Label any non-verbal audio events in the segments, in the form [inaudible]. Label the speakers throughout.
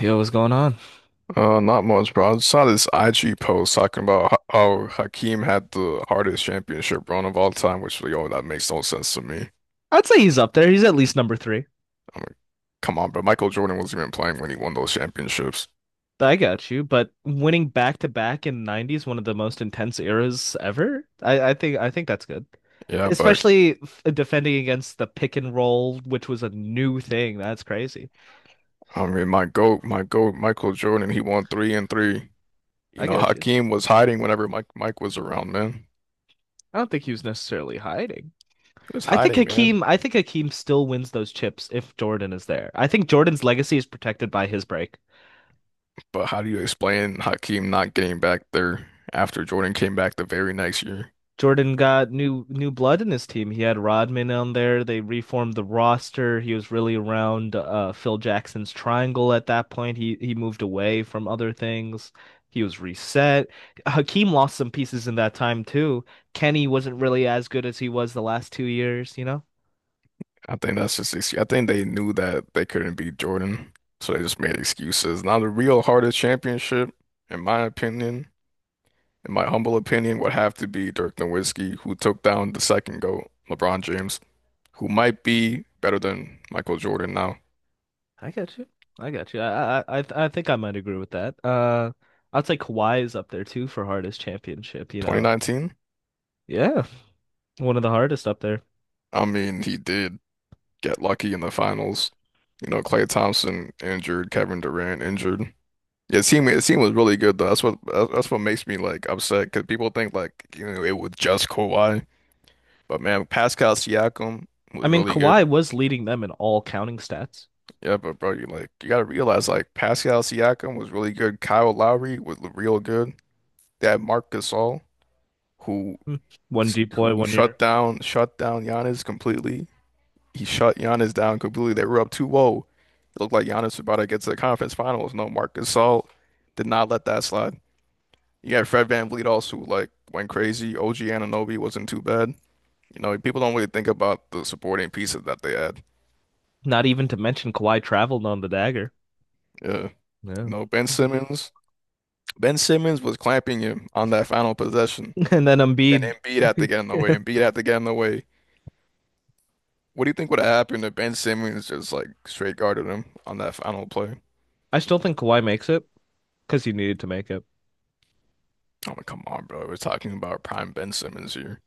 Speaker 1: Yo, what's going on?
Speaker 2: Not much, bro. I saw this IG post talking about how Hakeem had the hardest championship run of all time, which, yo, that makes no sense to me.
Speaker 1: I'd say he's up there. He's at least number three.
Speaker 2: I'm like, come on, but Michael Jordan wasn't even playing when he won those championships.
Speaker 1: I got you. But winning back to back in '90s, one of the most intense eras ever. I think that's good.
Speaker 2: Yeah, but
Speaker 1: Especially defending against the pick and roll, which was a new thing. That's crazy.
Speaker 2: I mean, my GOAT, Michael Jordan, he won three and three. You
Speaker 1: I
Speaker 2: know,
Speaker 1: got you.
Speaker 2: Hakeem was hiding whenever Mike was around, man.
Speaker 1: I don't think he was necessarily hiding.
Speaker 2: He was hiding, man.
Speaker 1: I think Hakeem still wins those chips if Jordan is there. I think Jordan's legacy is protected by his break.
Speaker 2: But how do you explain Hakeem not getting back there after Jordan came back the very next year?
Speaker 1: Jordan got new blood in his team. He had Rodman on there. They reformed the roster. He was really around Phil Jackson's triangle at that point. He moved away from other things. He was reset. Hakeem lost some pieces in that time too. Kenny wasn't really as good as he was the last 2 years, you know?
Speaker 2: I think that's just excuse. I think they knew that they couldn't beat Jordan, so they just made excuses. Now the real hardest championship, in my opinion, in my humble opinion, would have to be Dirk Nowitzki, who took down the second GOAT, LeBron James, who might be better than Michael Jordan now.
Speaker 1: I got you. I got you. I think I might agree with that. I'd say Kawhi is up there too for hardest championship, you know.
Speaker 2: 2019?
Speaker 1: Yeah, one of the hardest up there.
Speaker 2: I mean, he did get lucky in the finals. You know, Klay Thompson injured, Kevin Durant injured. Yeah, the team was really good though. That's what makes me like upset because people think like it was just Kawhi. But man, Pascal Siakam
Speaker 1: I
Speaker 2: was
Speaker 1: mean,
Speaker 2: really good.
Speaker 1: Kawhi was leading them in all counting stats.
Speaker 2: Yeah, but bro, you like you gotta realize like Pascal Siakam was really good. Kyle Lowry was real good. They had Marc Gasol who
Speaker 1: Hmm. One deploy,
Speaker 2: who
Speaker 1: 1 year.
Speaker 2: shut down Giannis completely. He shut Giannis down completely. They were up 2-0. It looked like Giannis was about to get to the conference finals. No, Marc Gasol did not let that slide. You got Fred VanVleet also who, like, went crazy. OG Anunoby wasn't too bad. You know, people don't really think about the supporting pieces that they had.
Speaker 1: Not even to mention Kawhi traveled on the dagger.
Speaker 2: Yeah.
Speaker 1: Yeah.
Speaker 2: No, Ben
Speaker 1: [laughs]
Speaker 2: Simmons. Ben Simmons was clamping him on that final possession,
Speaker 1: And then
Speaker 2: and
Speaker 1: Embiid.
Speaker 2: Embiid had to get in the way. Embiid
Speaker 1: [laughs]
Speaker 2: had to get in the way. What do you think would have happened if Ben Simmons just like straight guarded him on that final play?
Speaker 1: I still think Kawhi makes it because he needed to make it.
Speaker 2: I'm like, come on, bro. We're talking about prime Ben Simmons here.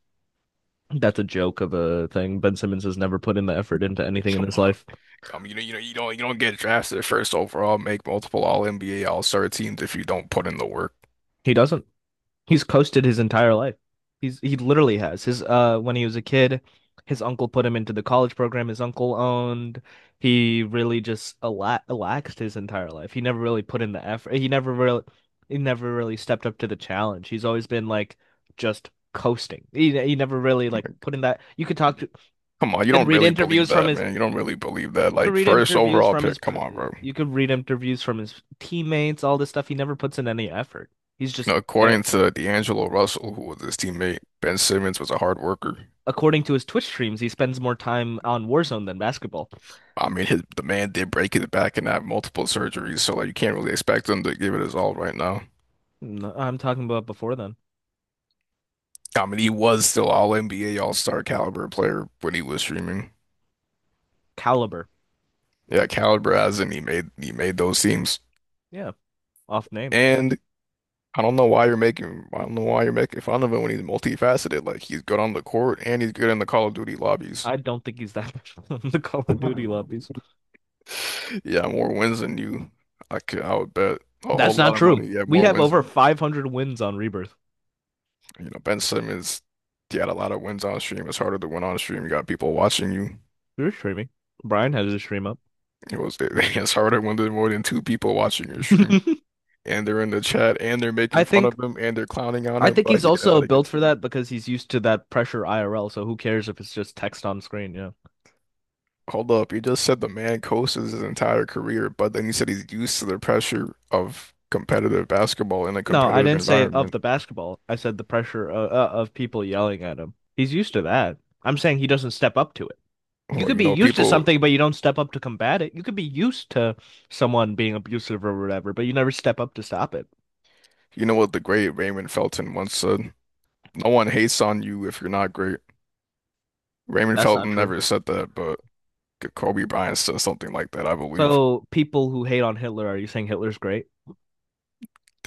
Speaker 1: That's a joke of a thing. Ben Simmons has never put in the effort into anything in
Speaker 2: Come
Speaker 1: his
Speaker 2: on.
Speaker 1: life.
Speaker 2: I mean, you don't get drafted first overall, make multiple All NBA All Star teams if you don't put in the work.
Speaker 1: He doesn't. He's coasted his entire life. He literally has his when he was a kid, his uncle put him into the college program his uncle owned. He really just ala relaxed his entire life. He never really put in the effort. He never really stepped up to the challenge. He's always been like just coasting. He never really like
Speaker 2: Like,
Speaker 1: put in that.
Speaker 2: come on,
Speaker 1: You
Speaker 2: you
Speaker 1: could
Speaker 2: don't
Speaker 1: read
Speaker 2: really believe
Speaker 1: interviews from
Speaker 2: that,
Speaker 1: his
Speaker 2: man. You don't really believe that.
Speaker 1: you could
Speaker 2: Like
Speaker 1: read
Speaker 2: first
Speaker 1: interviews
Speaker 2: overall
Speaker 1: from his
Speaker 2: pick.
Speaker 1: pr-
Speaker 2: Come on, bro.
Speaker 1: you could read interviews from his teammates, all this stuff. He never puts in any effort. He's just
Speaker 2: Now,
Speaker 1: there.
Speaker 2: according to D'Angelo Russell, who was his teammate, Ben Simmons was a hard worker.
Speaker 1: According to his Twitch streams, he spends more time on Warzone than basketball.
Speaker 2: I mean, the man did break his back and have multiple surgeries, so like you can't really expect him to give it his all right now.
Speaker 1: No, I'm talking about before then.
Speaker 2: I mean, he was still all NBA All-Star caliber player when he was streaming.
Speaker 1: Caliber.
Speaker 2: Yeah, caliber as in he made those teams.
Speaker 1: Yeah, off name.
Speaker 2: And I don't know why you're making fun of him when he's multifaceted. Like he's good on the court and he's good in the Call of Duty lobbies.
Speaker 1: I don't think he's that [laughs] much in the Call of Duty lobbies.
Speaker 2: Yeah, more wins than you. I would bet a
Speaker 1: That's
Speaker 2: whole
Speaker 1: not
Speaker 2: lot of
Speaker 1: true.
Speaker 2: money. Yeah,
Speaker 1: We
Speaker 2: more
Speaker 1: have
Speaker 2: wins
Speaker 1: over
Speaker 2: than you.
Speaker 1: 500 wins on Rebirth.
Speaker 2: You know, Ben Simmons, he had a lot of wins on stream. It's harder to win on stream. You got people watching you.
Speaker 1: You're streaming. Brian has his stream up.
Speaker 2: [laughs] It's harder when there's more than two people watching your
Speaker 1: [laughs]
Speaker 2: stream, and they're in the chat, and they're
Speaker 1: I
Speaker 2: making fun
Speaker 1: think
Speaker 2: of him, and they're clowning on
Speaker 1: I
Speaker 2: him.
Speaker 1: think
Speaker 2: But
Speaker 1: he's
Speaker 2: he didn't
Speaker 1: also
Speaker 2: let it get
Speaker 1: built
Speaker 2: to
Speaker 1: for
Speaker 2: you.
Speaker 1: that because he's used to that pressure IRL. So who cares if it's just text on screen? Yeah.
Speaker 2: Hold up, you just said the man coasts his entire career, but then you said he's used to the pressure of competitive basketball in a
Speaker 1: No, I
Speaker 2: competitive
Speaker 1: didn't say of
Speaker 2: environment.
Speaker 1: the basketball. I said the pressure of people yelling at him. He's used to that. I'm saying he doesn't step up to it. you
Speaker 2: Well,
Speaker 1: could be used to something, but you don't step up to combat it. You could be used to Someone being abusive or whatever, but you never step up to stop it.
Speaker 2: you know what the great Raymond Felton once said? No one hates on you if you're not great. Raymond
Speaker 1: That's not
Speaker 2: Felton
Speaker 1: true.
Speaker 2: never said that, but Kobe Bryant said something like that, I believe.
Speaker 1: So people who hate on Hitler, are you saying Hitler's great?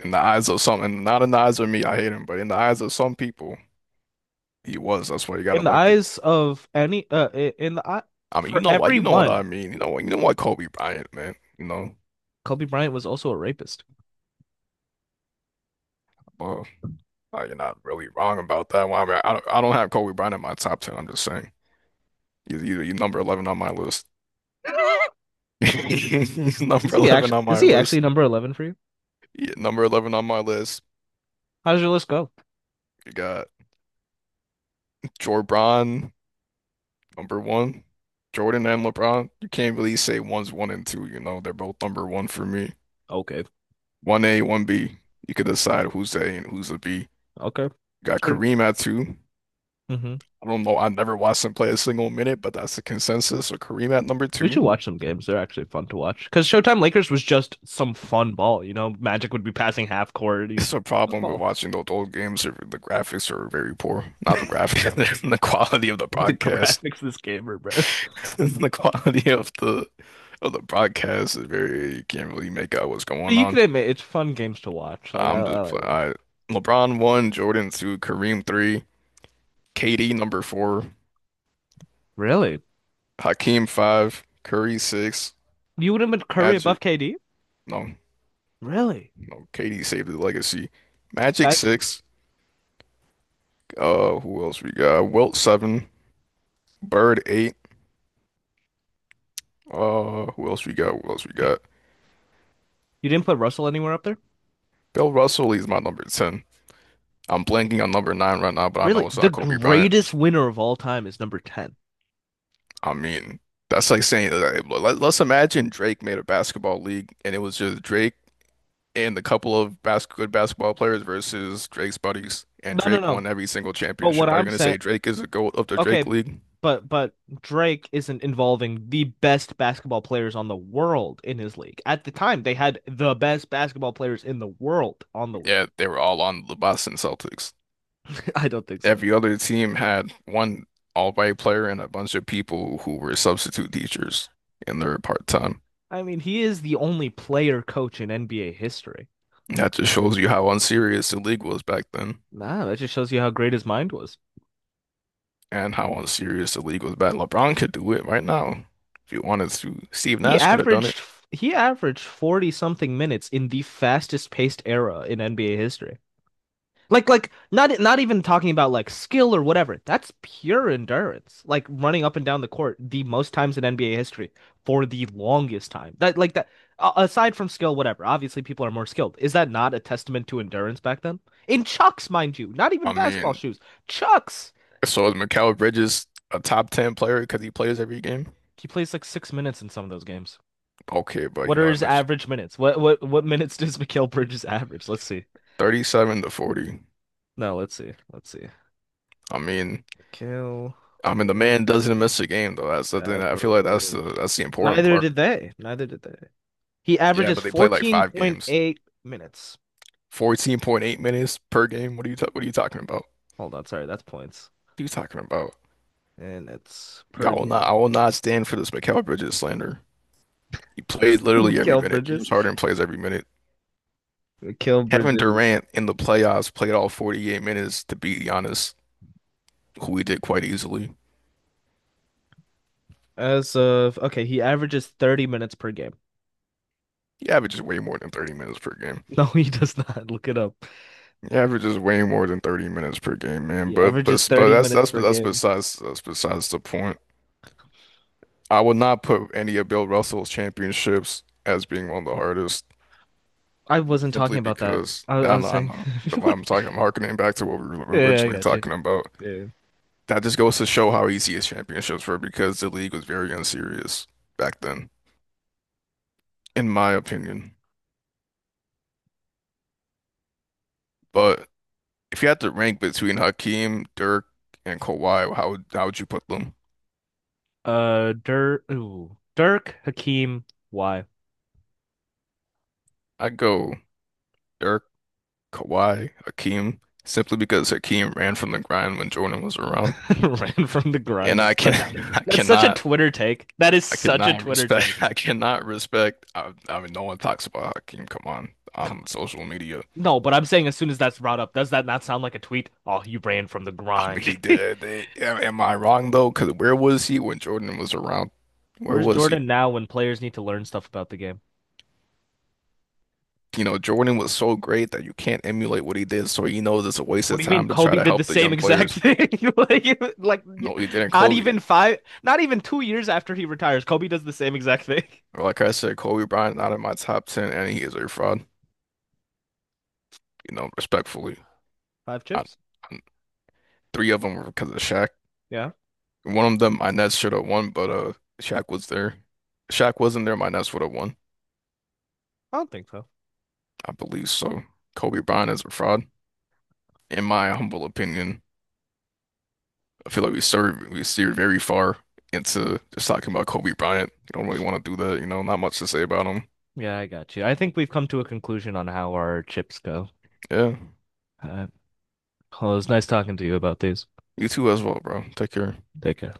Speaker 2: In the eyes of some, and not in the eyes of me, I hate him, but in the eyes of some people, he was. That's why he got
Speaker 1: In the
Speaker 2: elected.
Speaker 1: eyes of any, in the eye
Speaker 2: I mean, you
Speaker 1: For
Speaker 2: know why? You know what I
Speaker 1: everyone,
Speaker 2: mean. You know what? You know what Kobe Bryant, man. You know,
Speaker 1: Kobe Bryant was also a rapist.
Speaker 2: well, you're not really wrong about that. Well, I mean, I don't have Kobe Bryant in my top ten. I'm just saying, he's number 11 on my list.
Speaker 1: [laughs]
Speaker 2: [laughs] He's
Speaker 1: Is
Speaker 2: number
Speaker 1: he
Speaker 2: 11
Speaker 1: actually?
Speaker 2: on
Speaker 1: Is
Speaker 2: my
Speaker 1: he actually
Speaker 2: list.
Speaker 1: number 11 for you?
Speaker 2: Yeah, number 11 on my list.
Speaker 1: How does your list go?
Speaker 2: You got Jorbron. Number one, Jordan and LeBron. You can't really say one's one and two, you know. They're both number one for me.
Speaker 1: Okay,
Speaker 2: One A, one B. You could decide who's the A and who's the B. You
Speaker 1: okay.
Speaker 2: got
Speaker 1: Sure.
Speaker 2: Kareem at two.
Speaker 1: Hmm.
Speaker 2: I don't know. I never watched him play a single minute, but that's the consensus. So Kareem at number
Speaker 1: We
Speaker 2: two.
Speaker 1: should watch some games. They're actually fun to watch. Because Showtime Lakers was just some fun ball. You know, Magic would be passing half court. He's
Speaker 2: It's a
Speaker 1: Fun
Speaker 2: problem with
Speaker 1: ball.
Speaker 2: watching those old games. The graphics are very poor. Not the graphics, [laughs] the quality of the
Speaker 1: [laughs] The
Speaker 2: broadcast.
Speaker 1: graphics of this game are bro. But
Speaker 2: [laughs] The quality of the broadcast is very, you can't really make out what's going
Speaker 1: you can
Speaker 2: on.
Speaker 1: admit it's fun games to watch. Like I,
Speaker 2: I'm
Speaker 1: I
Speaker 2: just
Speaker 1: like
Speaker 2: pl-
Speaker 1: them.
Speaker 2: I, LeBron one, Jordan two, Kareem three, KD number four,
Speaker 1: Really?
Speaker 2: Hakeem five, Curry six,
Speaker 1: You would have put Curry above
Speaker 2: Magic
Speaker 1: KD?
Speaker 2: no
Speaker 1: Really?
Speaker 2: no KD saved the legacy, Magic
Speaker 1: That's
Speaker 2: six. Who else we got? Wilt seven, Bird eight. Who else we got?
Speaker 1: You didn't put Russell anywhere up there?
Speaker 2: Bill Russell is my number ten. I'm blanking on number nine right now, but I
Speaker 1: Really?
Speaker 2: know it's
Speaker 1: The
Speaker 2: not Kobe Bryant.
Speaker 1: greatest winner of all time is number 10.
Speaker 2: I mean, that's like saying that. Let's imagine Drake made a basketball league and it was just Drake, and the couple of bas good basketball players versus Drake's buddies, and
Speaker 1: No, no,
Speaker 2: Drake
Speaker 1: no.
Speaker 2: won every single
Speaker 1: But what
Speaker 2: championship. Are you
Speaker 1: I'm
Speaker 2: going to
Speaker 1: saying,
Speaker 2: say Drake is the GOAT of the Drake
Speaker 1: okay,
Speaker 2: League?
Speaker 1: but Drake isn't involving the best basketball players on the world in his league. At the time, they had the best basketball players in the world on the league.
Speaker 2: Yeah, they were all on the Boston Celtics.
Speaker 1: [laughs] I don't think so.
Speaker 2: Every other team had one all-white player and a bunch of people who were substitute teachers in their part-time.
Speaker 1: I mean, he is the only player coach in NBA history.
Speaker 2: That just shows you how unserious the league was back then
Speaker 1: Nah, that just shows you how great his mind was.
Speaker 2: and how unserious the league was back. LeBron could do it right now if he wanted to. Steve
Speaker 1: He
Speaker 2: Nash could have done it.
Speaker 1: averaged he averaged 40 something minutes in the fastest paced era in NBA history. Like not even talking about like skill or whatever. That's pure endurance. Like running up and down the court the most times in NBA history for the longest time. That like that a- Aside from skill whatever. Obviously people are more skilled. Is that not a testament to endurance back then? In Chucks, mind you. Not even
Speaker 2: I
Speaker 1: basketball
Speaker 2: mean,
Speaker 1: shoes. Chucks.
Speaker 2: So is Mikal Bridges a top 10 player because he plays every game?
Speaker 1: He plays like 6 minutes in some of those games.
Speaker 2: Okay, but
Speaker 1: What
Speaker 2: you
Speaker 1: are
Speaker 2: know, it
Speaker 1: his
Speaker 2: was
Speaker 1: average minutes? What minutes does Mikal Bridges average? Let's see.
Speaker 2: 37 to 40.
Speaker 1: No, let's see. Let's see.
Speaker 2: I mean,
Speaker 1: Mikal
Speaker 2: I mean the man doesn't
Speaker 1: Bridges
Speaker 2: miss a game though. That's the thing that I feel like that's the
Speaker 1: average.
Speaker 2: important
Speaker 1: Neither
Speaker 2: part.
Speaker 1: did they. Neither did they. He
Speaker 2: Yeah,
Speaker 1: averages
Speaker 2: but they play like five games.
Speaker 1: 14.8 minutes.
Speaker 2: 14.8 minutes per game. What are you talking about?
Speaker 1: Hold on, sorry, that's points.
Speaker 2: What are you talking about?
Speaker 1: And it's
Speaker 2: Yeah,
Speaker 1: per game.
Speaker 2: I will not stand for this Mikal Bridges slander. He plays
Speaker 1: [laughs]
Speaker 2: literally every
Speaker 1: Mikal
Speaker 2: minute.
Speaker 1: Bridges.
Speaker 2: James Harden plays every minute.
Speaker 1: Mikal
Speaker 2: Kevin
Speaker 1: Bridges.
Speaker 2: Durant in the playoffs played all 48 minutes to beat Giannis, who he did quite easily.
Speaker 1: As of okay, he averages 30 minutes per game.
Speaker 2: He averages way more than 30 minutes per game.
Speaker 1: [laughs] No, he does not. [laughs] Look it up.
Speaker 2: He averages way more than 30 minutes per game, man.
Speaker 1: He
Speaker 2: But
Speaker 1: averages
Speaker 2: but but
Speaker 1: 30 minutes per
Speaker 2: that's
Speaker 1: game.
Speaker 2: besides the point. I would not put any of Bill Russell's championships as being one of the hardest,
Speaker 1: I wasn't talking
Speaker 2: simply
Speaker 1: about that.
Speaker 2: because
Speaker 1: I was
Speaker 2: I
Speaker 1: saying
Speaker 2: know, but
Speaker 1: [laughs]
Speaker 2: like,
Speaker 1: what.
Speaker 2: I'm harkening back to what we were
Speaker 1: Yeah, I
Speaker 2: originally
Speaker 1: got you.
Speaker 2: talking about.
Speaker 1: Yeah.
Speaker 2: That just goes to show how easy his championships were because the league was very unserious back then, in my opinion. But if you had to rank between Hakeem, Dirk, and Kawhi, how would you put them?
Speaker 1: Dirk, ooh, Dirk Hakeem. Why
Speaker 2: I go Dirk, Kawhi, Hakeem, simply because Hakeem ran from the grind when Jordan was around,
Speaker 1: [laughs] ran from the grind
Speaker 2: and I
Speaker 1: is
Speaker 2: can
Speaker 1: such a
Speaker 2: [laughs] I
Speaker 1: that's such a
Speaker 2: cannot
Speaker 1: Twitter take. That is
Speaker 2: I
Speaker 1: such a
Speaker 2: cannot
Speaker 1: Twitter
Speaker 2: respect [laughs]
Speaker 1: take.
Speaker 2: I cannot respect I mean no one talks about Hakeem. Come
Speaker 1: Come on.
Speaker 2: on social media.
Speaker 1: No, but I'm saying as soon as that's brought up, does that not sound like a tweet? Oh, you ran from the
Speaker 2: I mean
Speaker 1: grind.
Speaker 2: he
Speaker 1: [laughs]
Speaker 2: did. Am I wrong though? Because where was he when Jordan was around? Where
Speaker 1: Where's
Speaker 2: was he?
Speaker 1: Jordan now when players need to learn stuff about the game?
Speaker 2: You know, Jordan was so great that you can't emulate what he did. So he knows it's a waste
Speaker 1: What
Speaker 2: of
Speaker 1: do you mean
Speaker 2: time to try
Speaker 1: Kobe
Speaker 2: to
Speaker 1: did the
Speaker 2: help the
Speaker 1: same
Speaker 2: young
Speaker 1: exact
Speaker 2: players.
Speaker 1: thing? [laughs] Like, like
Speaker 2: No, he didn't.
Speaker 1: not
Speaker 2: Kobe.
Speaker 1: even five, Not even 2 years after he retires, Kobe does the same exact thing.
Speaker 2: Like I said, Kobe Bryant not in my top ten, and he is a fraud, you know, respectfully.
Speaker 1: [laughs] Five
Speaker 2: I,
Speaker 1: chips?
Speaker 2: I, three of them were because of Shaq.
Speaker 1: Yeah,
Speaker 2: One of them, my Nets should have won, but Shaq was there. If Shaq wasn't there, my Nets would have won.
Speaker 1: I don't think so.
Speaker 2: I believe so. Kobe Bryant is a fraud, in my humble opinion. I feel like we steer very far into just talking about Kobe Bryant. You don't really want to do that, you know. Not much to say about him.
Speaker 1: Yeah, I got you. I think we've come to a conclusion on how our chips go.
Speaker 2: Yeah,
Speaker 1: Uh, well, it was nice talking to you about these.
Speaker 2: you too as well, bro. Take care.
Speaker 1: Take care.